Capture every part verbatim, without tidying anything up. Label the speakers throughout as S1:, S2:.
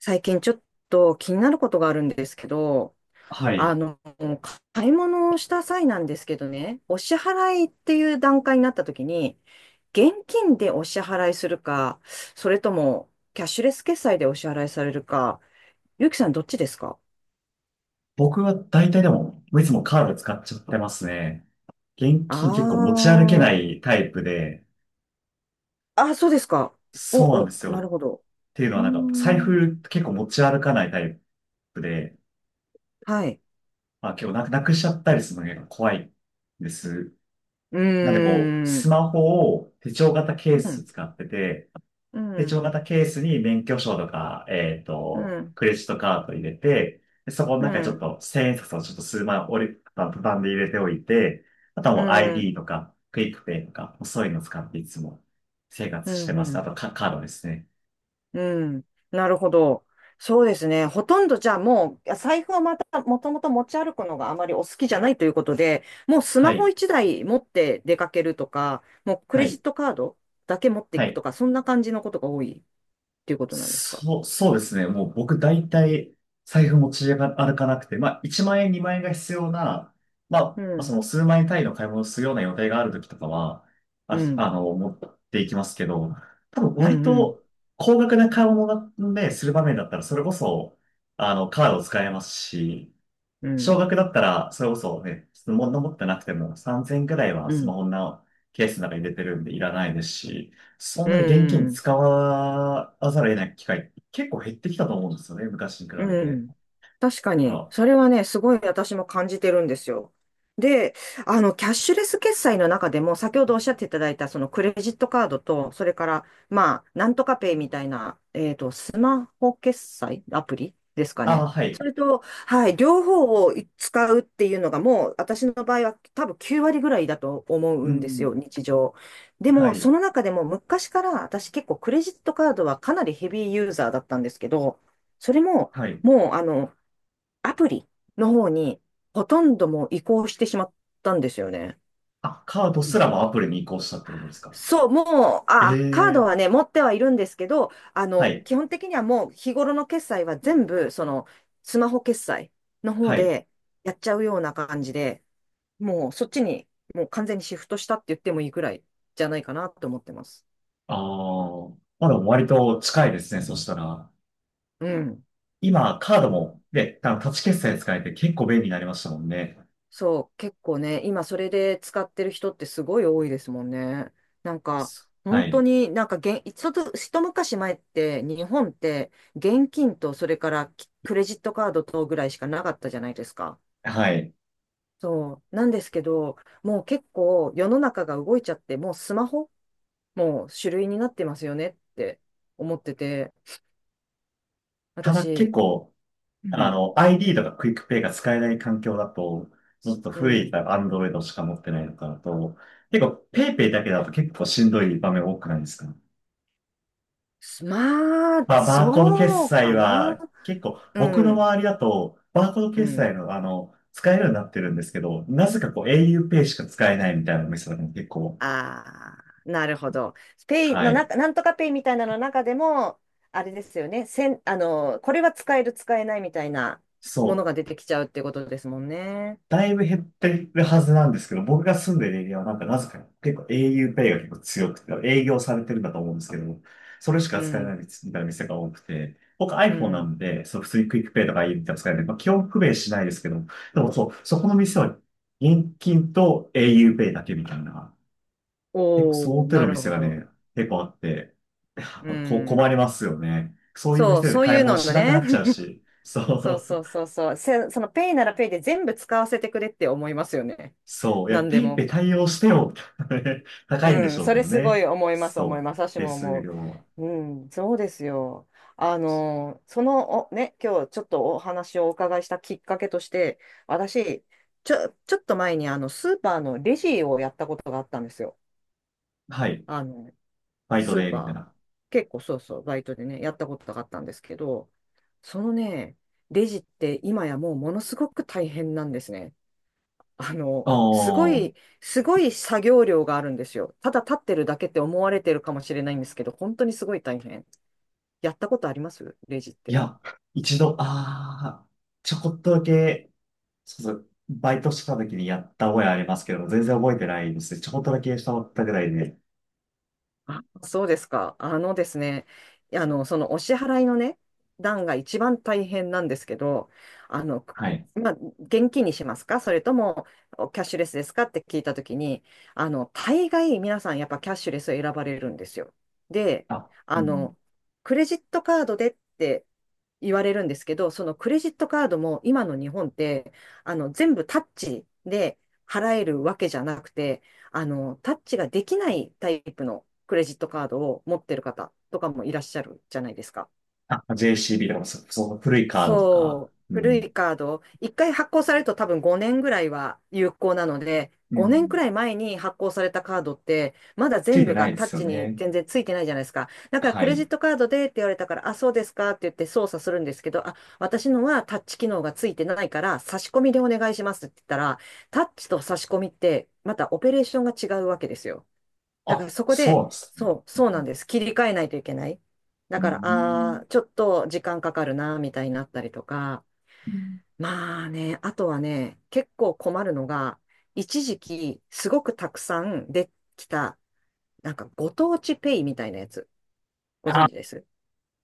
S1: 最近ちょっと気になることがあるんですけど、
S2: は
S1: あ
S2: い。
S1: の、買い物をした際なんですけどね、お支払いっていう段階になった時に、現金でお支払いするか、それともキャッシュレス決済でお支払いされるか、ゆうきさんどっちですか？
S2: 僕は大体でも、いつもカード使っちゃってますね。現
S1: あ
S2: 金結構持ち歩けな
S1: あー、
S2: いタイプで、
S1: あ、そうですか。お、
S2: そうなんで
S1: お、
S2: す
S1: なる
S2: よ。っ
S1: ほど。
S2: ていうの
S1: う
S2: は
S1: ー
S2: なんか、財
S1: ん。
S2: 布結構持ち歩かないタイプで、
S1: はい。
S2: まあ結構なく、なくしちゃったりするのが結構怖いんです。
S1: う
S2: なんでこう、
S1: ー
S2: ス
S1: ん。
S2: マホを手帳型ケー
S1: う
S2: ス
S1: ん。
S2: 使ってて、
S1: う
S2: で、一応
S1: ん。
S2: またケースに免許証とか、えっ
S1: う
S2: と、
S1: ん。
S2: クレジットカード入れて、でそこの
S1: う
S2: 中にちょっ
S1: ん。
S2: と千円札をちょっと数枚折りたたんで入れておいて、あとは
S1: う
S2: もう
S1: ん。
S2: アイディー とか、クイックペイとか、そういうのを使っていつも生
S1: う
S2: 活して
S1: ん。う
S2: ます。あ
S1: ん。
S2: とカ、カードですね。
S1: うん。なるほど。そうですね。ほとんどじゃあもう、財布はまた、もともと持ち歩くのがあまりお好きじゃないということで、もうス
S2: は
S1: マホ
S2: い。
S1: いちだい持って出かけるとか、もうク
S2: は
S1: レジッ
S2: い。
S1: トカードだけ持ってい
S2: は
S1: く
S2: い。
S1: とか、そんな感じのことが多いっていうことなんですか？
S2: そう、そうですね。もう僕大体財布持ち歩かなくて、まあいちまん円、にまん円が必要な、ま
S1: う
S2: あそ
S1: ん。
S2: の数万円単位の買い物をするような予定がある時とかは、
S1: う
S2: あ、あ
S1: ん。
S2: の、持っていきますけど、多分
S1: う
S2: 割
S1: ん。うん。
S2: と高額な買い物なんで、する場面だったらそれこそ、あの、カードを使えますし、
S1: う
S2: 少
S1: ん。
S2: 額だったら、それこそね、物持ってなくてもさんぜんぐらいは
S1: う
S2: スマ
S1: ん。
S2: ホのケースの中に入れてるんでいらないですし、そん
S1: う
S2: なに現金
S1: ん。
S2: 使わざるを得ない機会結構減ってきたと思うんですよね、昔に比べ
S1: う
S2: て。
S1: ん。確かに、
S2: あ、
S1: それはね、すごい私も感じてるんですよ。で、あの、キャッシュレス決済の中でも、先ほどおっしゃっていただいた、そのクレジットカードと、それから、まあ、なんとかペイみたいな、えっと、スマホ決済アプリですか
S2: あ、
S1: ね。
S2: は
S1: そ
S2: い。
S1: れと、はい、両方を使うっていうのが、もう、私の場合は多分きゅうわり割ぐらいだと思
S2: う
S1: うんです
S2: ん、
S1: よ、日常。で
S2: は
S1: も、そ
S2: い。
S1: の中でも、昔から私結構クレジットカードはかなりヘビーユーザーだったんですけど、それも、
S2: はい。
S1: もう、あの、アプリの方に、ほとんどもう移行してしまったんですよね。
S2: あ、カード
S1: う
S2: す
S1: ん。
S2: らもアプリに移行したってことですか？
S1: そう、もう、
S2: え
S1: あ、カード
S2: え、
S1: はね、持ってはいるんですけど、あ
S2: は
S1: の、
S2: い。
S1: 基本的にはもう日頃の決済は全部、その、スマホ決済の方
S2: はい。
S1: でやっちゃうような感じで、もうそっちに、もう完全にシフトしたって言ってもいいくらいじゃないかなと思ってます。
S2: ああ、まだ割と近いですね、そしたら。
S1: うん。
S2: 今、カード
S1: そう。
S2: も、ね、あのタッチ決済使えて結構便利になりましたもんね。
S1: そう、結構ね、今それで使ってる人ってすごい多いですもんね。なんか、
S2: は
S1: 本当
S2: い。
S1: になんか現、ちょっと一昔前って日本って現金とそれからきクレジットカードとぐらいしかなかったじゃないですか。
S2: はい。
S1: そう、なんですけど、もう結構世の中が動いちゃって、もうスマホもう主類になってますよねって思ってて、
S2: ただ結
S1: 私、
S2: 構、
S1: うん
S2: あ
S1: ん、
S2: の、アイディー とかクイックペイが使えない環境だと、ちょっと
S1: う
S2: 古い
S1: ん、
S2: Android しか持ってないのかなと、結構 PayPay だけだと結構しんどい場面多くないですか？
S1: まあ、
S2: まあ、バーコード決
S1: そう
S2: 済
S1: かな。
S2: は結構
S1: う
S2: 僕の
S1: ん、
S2: 周りだと、バーコード
S1: う
S2: 決
S1: ん。
S2: 済のあの、使えるようになってるんですけど、なぜかこう
S1: う
S2: a
S1: ん。
S2: u ペイしか使えないみたいなお店が結構、
S1: ああ、なるほど。ペイ
S2: は
S1: の
S2: い。
S1: 中、なんとかペイみたいなのの中でも、あれですよね。せん、あの、これは使える、使えないみたいなも
S2: そ
S1: の
S2: う。
S1: が出てきちゃうってことですもんね。
S2: だいぶ減ってるはずなんですけど、僕が住んでるエリアはなんかなぜかね結構 au Pay が結構強くて、営業されてるんだと思うんですけど、それし
S1: う
S2: か使えな
S1: ん、
S2: いみたいな店が多くて、僕
S1: う
S2: iPhone な
S1: ん。
S2: んで、そう普通にクイックペイとか u みたいなの使えない、まあ、基本不便しないですけど、でもそう、そこの店は現金と au Pay だけみたいな、結構そ
S1: お
S2: の
S1: ー、
S2: 手
S1: な
S2: の
S1: る
S2: 店
S1: ほ
S2: が
S1: ど。
S2: ね、結構あって、
S1: う
S2: こう困
S1: ん。
S2: りますよね。そういう
S1: そう、
S2: 店で
S1: そう
S2: 買
S1: い
S2: い
S1: う
S2: 物
S1: の
S2: しなくな
S1: ね。
S2: っちゃう し、
S1: そう
S2: そ
S1: そ
S2: う。
S1: うそうそう。せ、そのペイならペイで全部使わせてくれって思いますよね。
S2: そう。い
S1: な
S2: や、
S1: ん
S2: ペ
S1: で
S2: イペイ
S1: も
S2: 対応してよ。高いんで
S1: う
S2: し
S1: ん、
S2: ょう
S1: そ
S2: け
S1: れ
S2: ど
S1: すご
S2: ね。
S1: い思います、思い
S2: そう。
S1: ます。私
S2: 手
S1: も
S2: 数
S1: 思う。
S2: 料は。
S1: うん、そうですよ。あの、その、お、ね、今日ちょっとお話をお伺いしたきっかけとして、私、ちょ、ちょっと前にあの、スーパーのレジをやったことがあったんですよ。
S2: はい。
S1: あの、
S2: バイト
S1: スー
S2: で、みた
S1: パ
S2: い
S1: ー、
S2: な。
S1: 結構そうそう、バイトでね、やったことがあったんですけど、そのね、レジって今やもうものすごく大変なんですね。あの、すご
S2: おー。
S1: い、すごい作業量があるんですよ。ただ立ってるだけって思われてるかもしれないんですけど、本当にすごい大変。やったことありますレジっ
S2: い
S1: て？
S2: や、一度、あー、ちょこっとだけ、そうそう、バイトしてた時にやった覚えありますけど、全然覚えてないですね。ちょこっとだけしたったぐらいで。
S1: あ、そうですか。あのですね、あの、そのお支払いのね、段が一番大変なんですけど、あの、く
S2: はい。
S1: まあ、現金にしますかそれともおキャッシュレスですかって聞いたときに、あの、大概皆さんやっぱキャッシュレスを選ばれるんですよ。で、
S2: あ、う
S1: あ
S2: ん。
S1: の、クレジットカードでって言われるんですけど、そのクレジットカードも今の日本って、あの、全部タッチで払えるわけじゃなくて、あの、タッチができないタイプのクレジットカードを持ってる方とかもいらっしゃるじゃないですか。
S2: あ、ジェーシービー とか、そ、その古いカードとか、
S1: そう、
S2: う
S1: 古
S2: ん。
S1: いカード、いっかい発行されると多分ごねんぐらいは有効なので、
S2: う
S1: ごねん
S2: ん。
S1: くらい前に発行されたカードって、まだ
S2: つい
S1: 全
S2: て
S1: 部
S2: な
S1: が
S2: いで
S1: タッ
S2: すよ
S1: チに
S2: ね。
S1: 全然ついてないじゃないですか。だから
S2: は
S1: クレジッ
S2: い。
S1: トカードでって言われたから、あ、そうですかって言って操作するんですけど、あ、私のはタッチ機能がついてないから、差し込みでお願いしますって言ったら、タッチと差し込みって、またオペレーションが違うわけですよ。だか
S2: あ、
S1: らそこ
S2: そう
S1: で、
S2: なんですね。
S1: そう、そうなんです。切り替えないといけない。だ
S2: う
S1: から、
S2: ん。
S1: ああ、ちょっと時間かかるな、みたいになったりとか。まあね、あとはね、結構困るのが、一時期、すごくたくさんできた、なんかご当地ペイみたいなやつ、ご
S2: あ、
S1: 存
S2: あ
S1: 知です？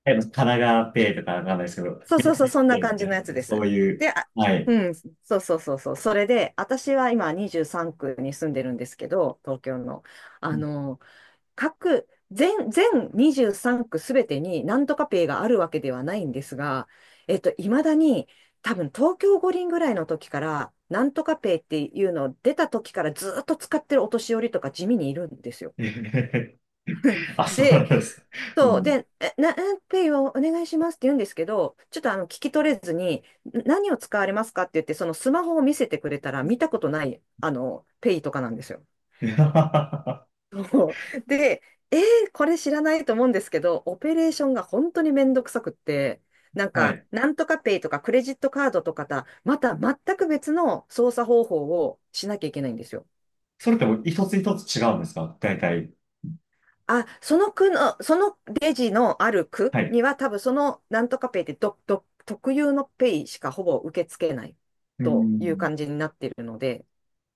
S2: 神奈川ペイとかわかんないですけど、
S1: そうそう
S2: 逆
S1: そう、
S2: に
S1: そん
S2: ペ
S1: な
S2: イみ
S1: 感
S2: た
S1: じの
S2: い
S1: や
S2: な、
S1: つで
S2: そう
S1: す。
S2: いう、
S1: で、あ、
S2: はい。
S1: うん、そうそうそうそう。それで、私は今にじゅうさんく区に住んでるんですけど、東京の。
S2: う
S1: あ
S2: ん。
S1: の、各、全、全にじゅうさんく区すべてになんとかペイがあるわけではないんですが、えっと、いまだに多分東京五輪ぐらいの時から、なんとかペイっていうのを出た時からずっと使ってるお年寄りとか地味にいるんですよ。
S2: あ、そうな
S1: で、
S2: んです。う
S1: そう、
S2: ん。
S1: で、えな、えペイをお願いしますって言うんですけど、ちょっとあの聞き取れずに、ん何を使われますかって言って、そのスマホを見せてくれたら見たことない、あの、ペイとかなんですよ。
S2: は
S1: そう で、えーこれ知らないと思うんですけど、オペレーションが本当にめんどくさくって、なんか、
S2: い。
S1: なんとかペイとかクレジットカードとかた、また全く別の操作方法をしなきゃいけないんですよ。
S2: それってもう一つ一つ違うんですか？大体。
S1: あ、その区の、そのレジのある区
S2: はい。
S1: には多分そのなんとかペイってど、ど、特有のペイしかほぼ受け付けない
S2: う
S1: という
S2: ん。
S1: 感じになっているので、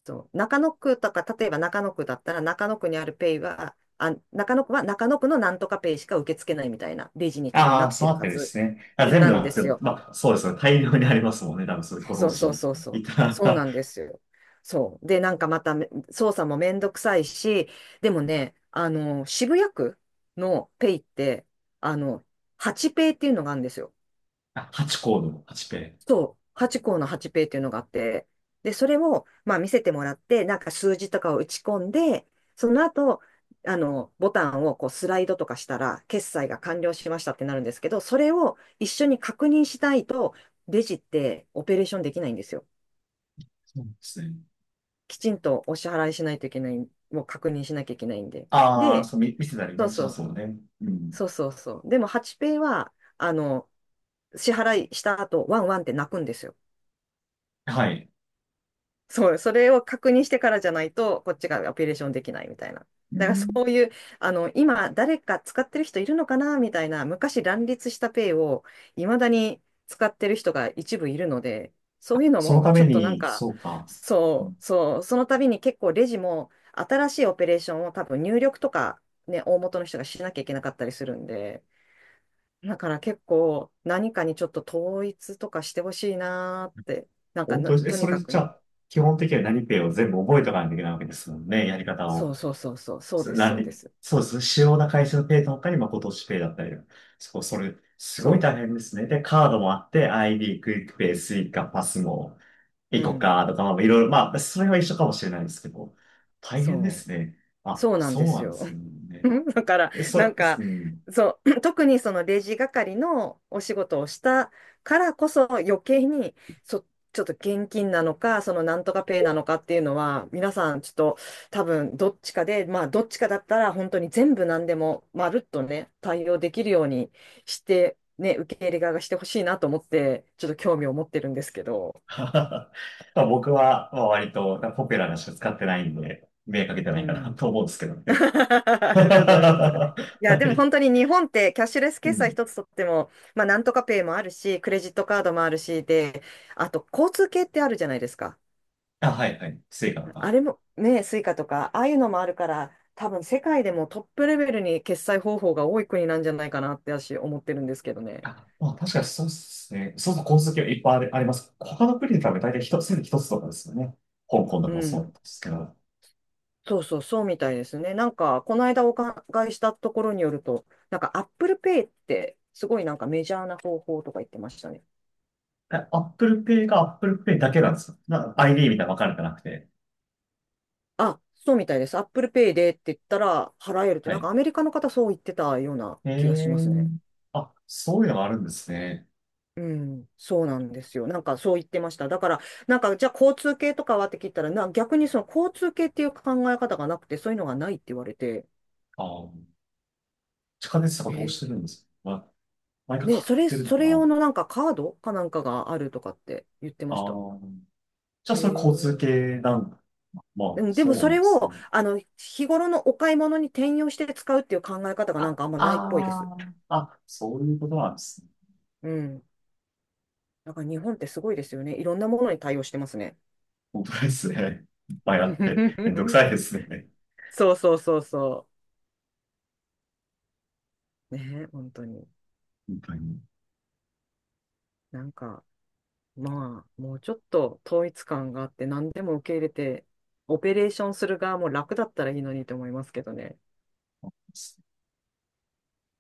S1: そう、中野区とか、例えば中野区だったら、中野区にあるペイは、あ、中野区は中野区のなんとかペイしか受け付けないみたいなレジに多分な
S2: ああ、
S1: って
S2: そうな
S1: る
S2: っ
S1: は
S2: てるで
S1: ず
S2: すね。あ、全
S1: な
S2: 部
S1: ん
S2: あ
S1: で
S2: って
S1: す
S2: も、
S1: よ。
S2: まあ、そうですね。大量にありますもんね。多分それ、ご同
S1: そうそう
S2: 時
S1: そうそ
S2: い
S1: う。そう
S2: た。
S1: なんですよ。そう。で、なんかまため操作もめんどくさいし、でもね、あの、渋谷区のペイって、あの、はちペイっていうのがあるんですよ。
S2: あ、はちコードのはちペイ。
S1: そう、はち項のはちペーっていうのがあって、で、それを、まあ、見せてもらって、なんか数字とかを打ち込んで、その後、あの、ボタンをこうスライドとかしたら、決済が完了しましたってなるんですけど、それを一緒に確認しないと、レジってオペレーションできないんですよ。
S2: そうですね。
S1: きちんとお支払いしないといけない、もう確認しなきゃいけないんで。
S2: ああ、
S1: で、
S2: そう、見、見せたり
S1: そう
S2: ね、し
S1: そ
S2: ます
S1: う、
S2: もんね。うん。
S1: そうそうそう。でも、はちペイは、あの、支払いした後、ワンワンって泣くんですよ。
S2: はい。
S1: そう、それを確認してからじゃないと、こっちがアピレーションできないみたいな。
S2: う
S1: だからそ
S2: ん。
S1: ういう、あの、今、誰か使ってる人いるのかなみたいな、昔乱立したペイを、いまだに使ってる人が一部いるので、そういうの
S2: その
S1: も、
S2: た
S1: ち
S2: め
S1: ょっとなん
S2: に、
S1: か、
S2: そうか。う
S1: そ
S2: ん。
S1: う、そう、その度に結構レジも、新しいオペレーションを多分入力とか、ね、大元の人がしなきゃいけなかったりするんで、だから結構、何かにちょっと統一とかしてほしいなーって、なんか
S2: 本
S1: な
S2: 当に、え、
S1: と
S2: そ
S1: に
S2: れ
S1: かく
S2: じゃ
S1: ね、
S2: あ、基本的には何ペイを全部覚えとかないといけないわけですもんね。やり方
S1: そう
S2: を。
S1: そうそうそう、そう
S2: す
S1: です、そうで
S2: 何、
S1: す。
S2: そうです。主要な会社のペイとかに、まあ、今年ペイだったり。そこそれ、すごい
S1: そ
S2: 大変ですね。で、カードもあって、アイディー、クイックペイ、スイカ、パスも、イ
S1: う、う
S2: コ
S1: ん、
S2: カとか、まあ、いろいろ、まあ、それは一緒かもしれないですけど、大変で
S1: そ
S2: す
S1: う、
S2: ね。あ、
S1: そうなんで
S2: そう
S1: す
S2: なんで
S1: よ。
S2: すね。
S1: だから、
S2: え、
S1: なん
S2: そ、
S1: か、
S2: うん。
S1: そう、特にそのレジ係のお仕事をしたからこそ余計に、そ、ちょっと現金なのか、そのなんとかペイなのかっていうのは、皆さんちょっと多分どっちかで、まあどっちかだったら本当に全部何でもまるっとね、対応できるようにして、ね、受け入れ側がしてほしいなと思って、ちょっと興味を持ってるんですけど。
S2: まあ僕は、まあ、割とポピュラーなしか使ってないんで、目かけてな
S1: う
S2: いかな
S1: ん。
S2: と思うんですけど
S1: あ
S2: ね。
S1: りがとうございます。
S2: は
S1: いや、でも
S2: い。
S1: 本当に日本ってキャッシュレス
S2: う
S1: 決済
S2: ん。
S1: 一つとっても、まあなんとかペイもあるし、クレジットカードもあるし、で、あと交通系ってあるじゃないですか。
S2: あ、はいはい。スイカと
S1: あ
S2: か。
S1: れもね、スイカとか、ああいうのもあるから、多分世界でもトップレベルに決済方法が多い国なんじゃないかなって私思ってるんですけどね。
S2: あ、まあ確かにそうですね。そうそう、交通はいっぱいあり、あります。他の国に比べ大体一つ、一つとかですよね。香港と
S1: う
S2: かもそうなん
S1: ん。
S2: ですけど。
S1: そうそう、そうみたいですね。なんか、この間お伺いしたところによると、なんか Apple Pay ってすごいなんかメジャーな方法とか言ってましたね。
S2: あ、アップルペイがアップルペイだけなんですよ。な、アイディー みたいなの分かれてなくて。
S1: あ、そうみたいです。Apple Pay でって言ったら払えるって、
S2: は
S1: なんか
S2: い。
S1: アメリカの方そう言ってたような
S2: え
S1: 気がしますね。
S2: ー。あ、そういうのがあるんですね。
S1: うん、そうなんですよ。なんかそう言ってました。だから、なんかじゃあ交通系とかはって聞いたら、な、逆にその交通系っていう考え方がなくて、そういうのがないって言われて、
S2: あー、地下鉄とか
S1: へ
S2: どうし
S1: え。
S2: てるんですか？何か
S1: ね、
S2: 買
S1: そ
S2: っ
S1: れ、
S2: てるの
S1: そ
S2: か
S1: れ用
S2: な？
S1: のなんかカードかなんかがあるとかって言ってまし
S2: あ
S1: た。
S2: あ、じゃあ
S1: へ
S2: それ交通系
S1: え。
S2: なんか、ま
S1: う
S2: あ、
S1: ん、で
S2: そ
S1: も
S2: う
S1: そ
S2: なん
S1: れ
S2: です
S1: を、
S2: ね。
S1: あの、日頃のお買い物に転用して使うっていう考え方がなん
S2: あ、
S1: かあんまないっぽいです。
S2: あーあ、そういうことなんですね。
S1: うん。だから日本ってすごいですよね。いろんなものに対応してますね。
S2: 本当ですね。いっぱいあって、めんどく さいですね。
S1: そうそうそうそう。ね、本当に。
S2: 本当に。
S1: なんか、まあ、もうちょっと統一感があって、何でも受け入れて、オペレーションする側も楽だったらいいのにと思いますけどね。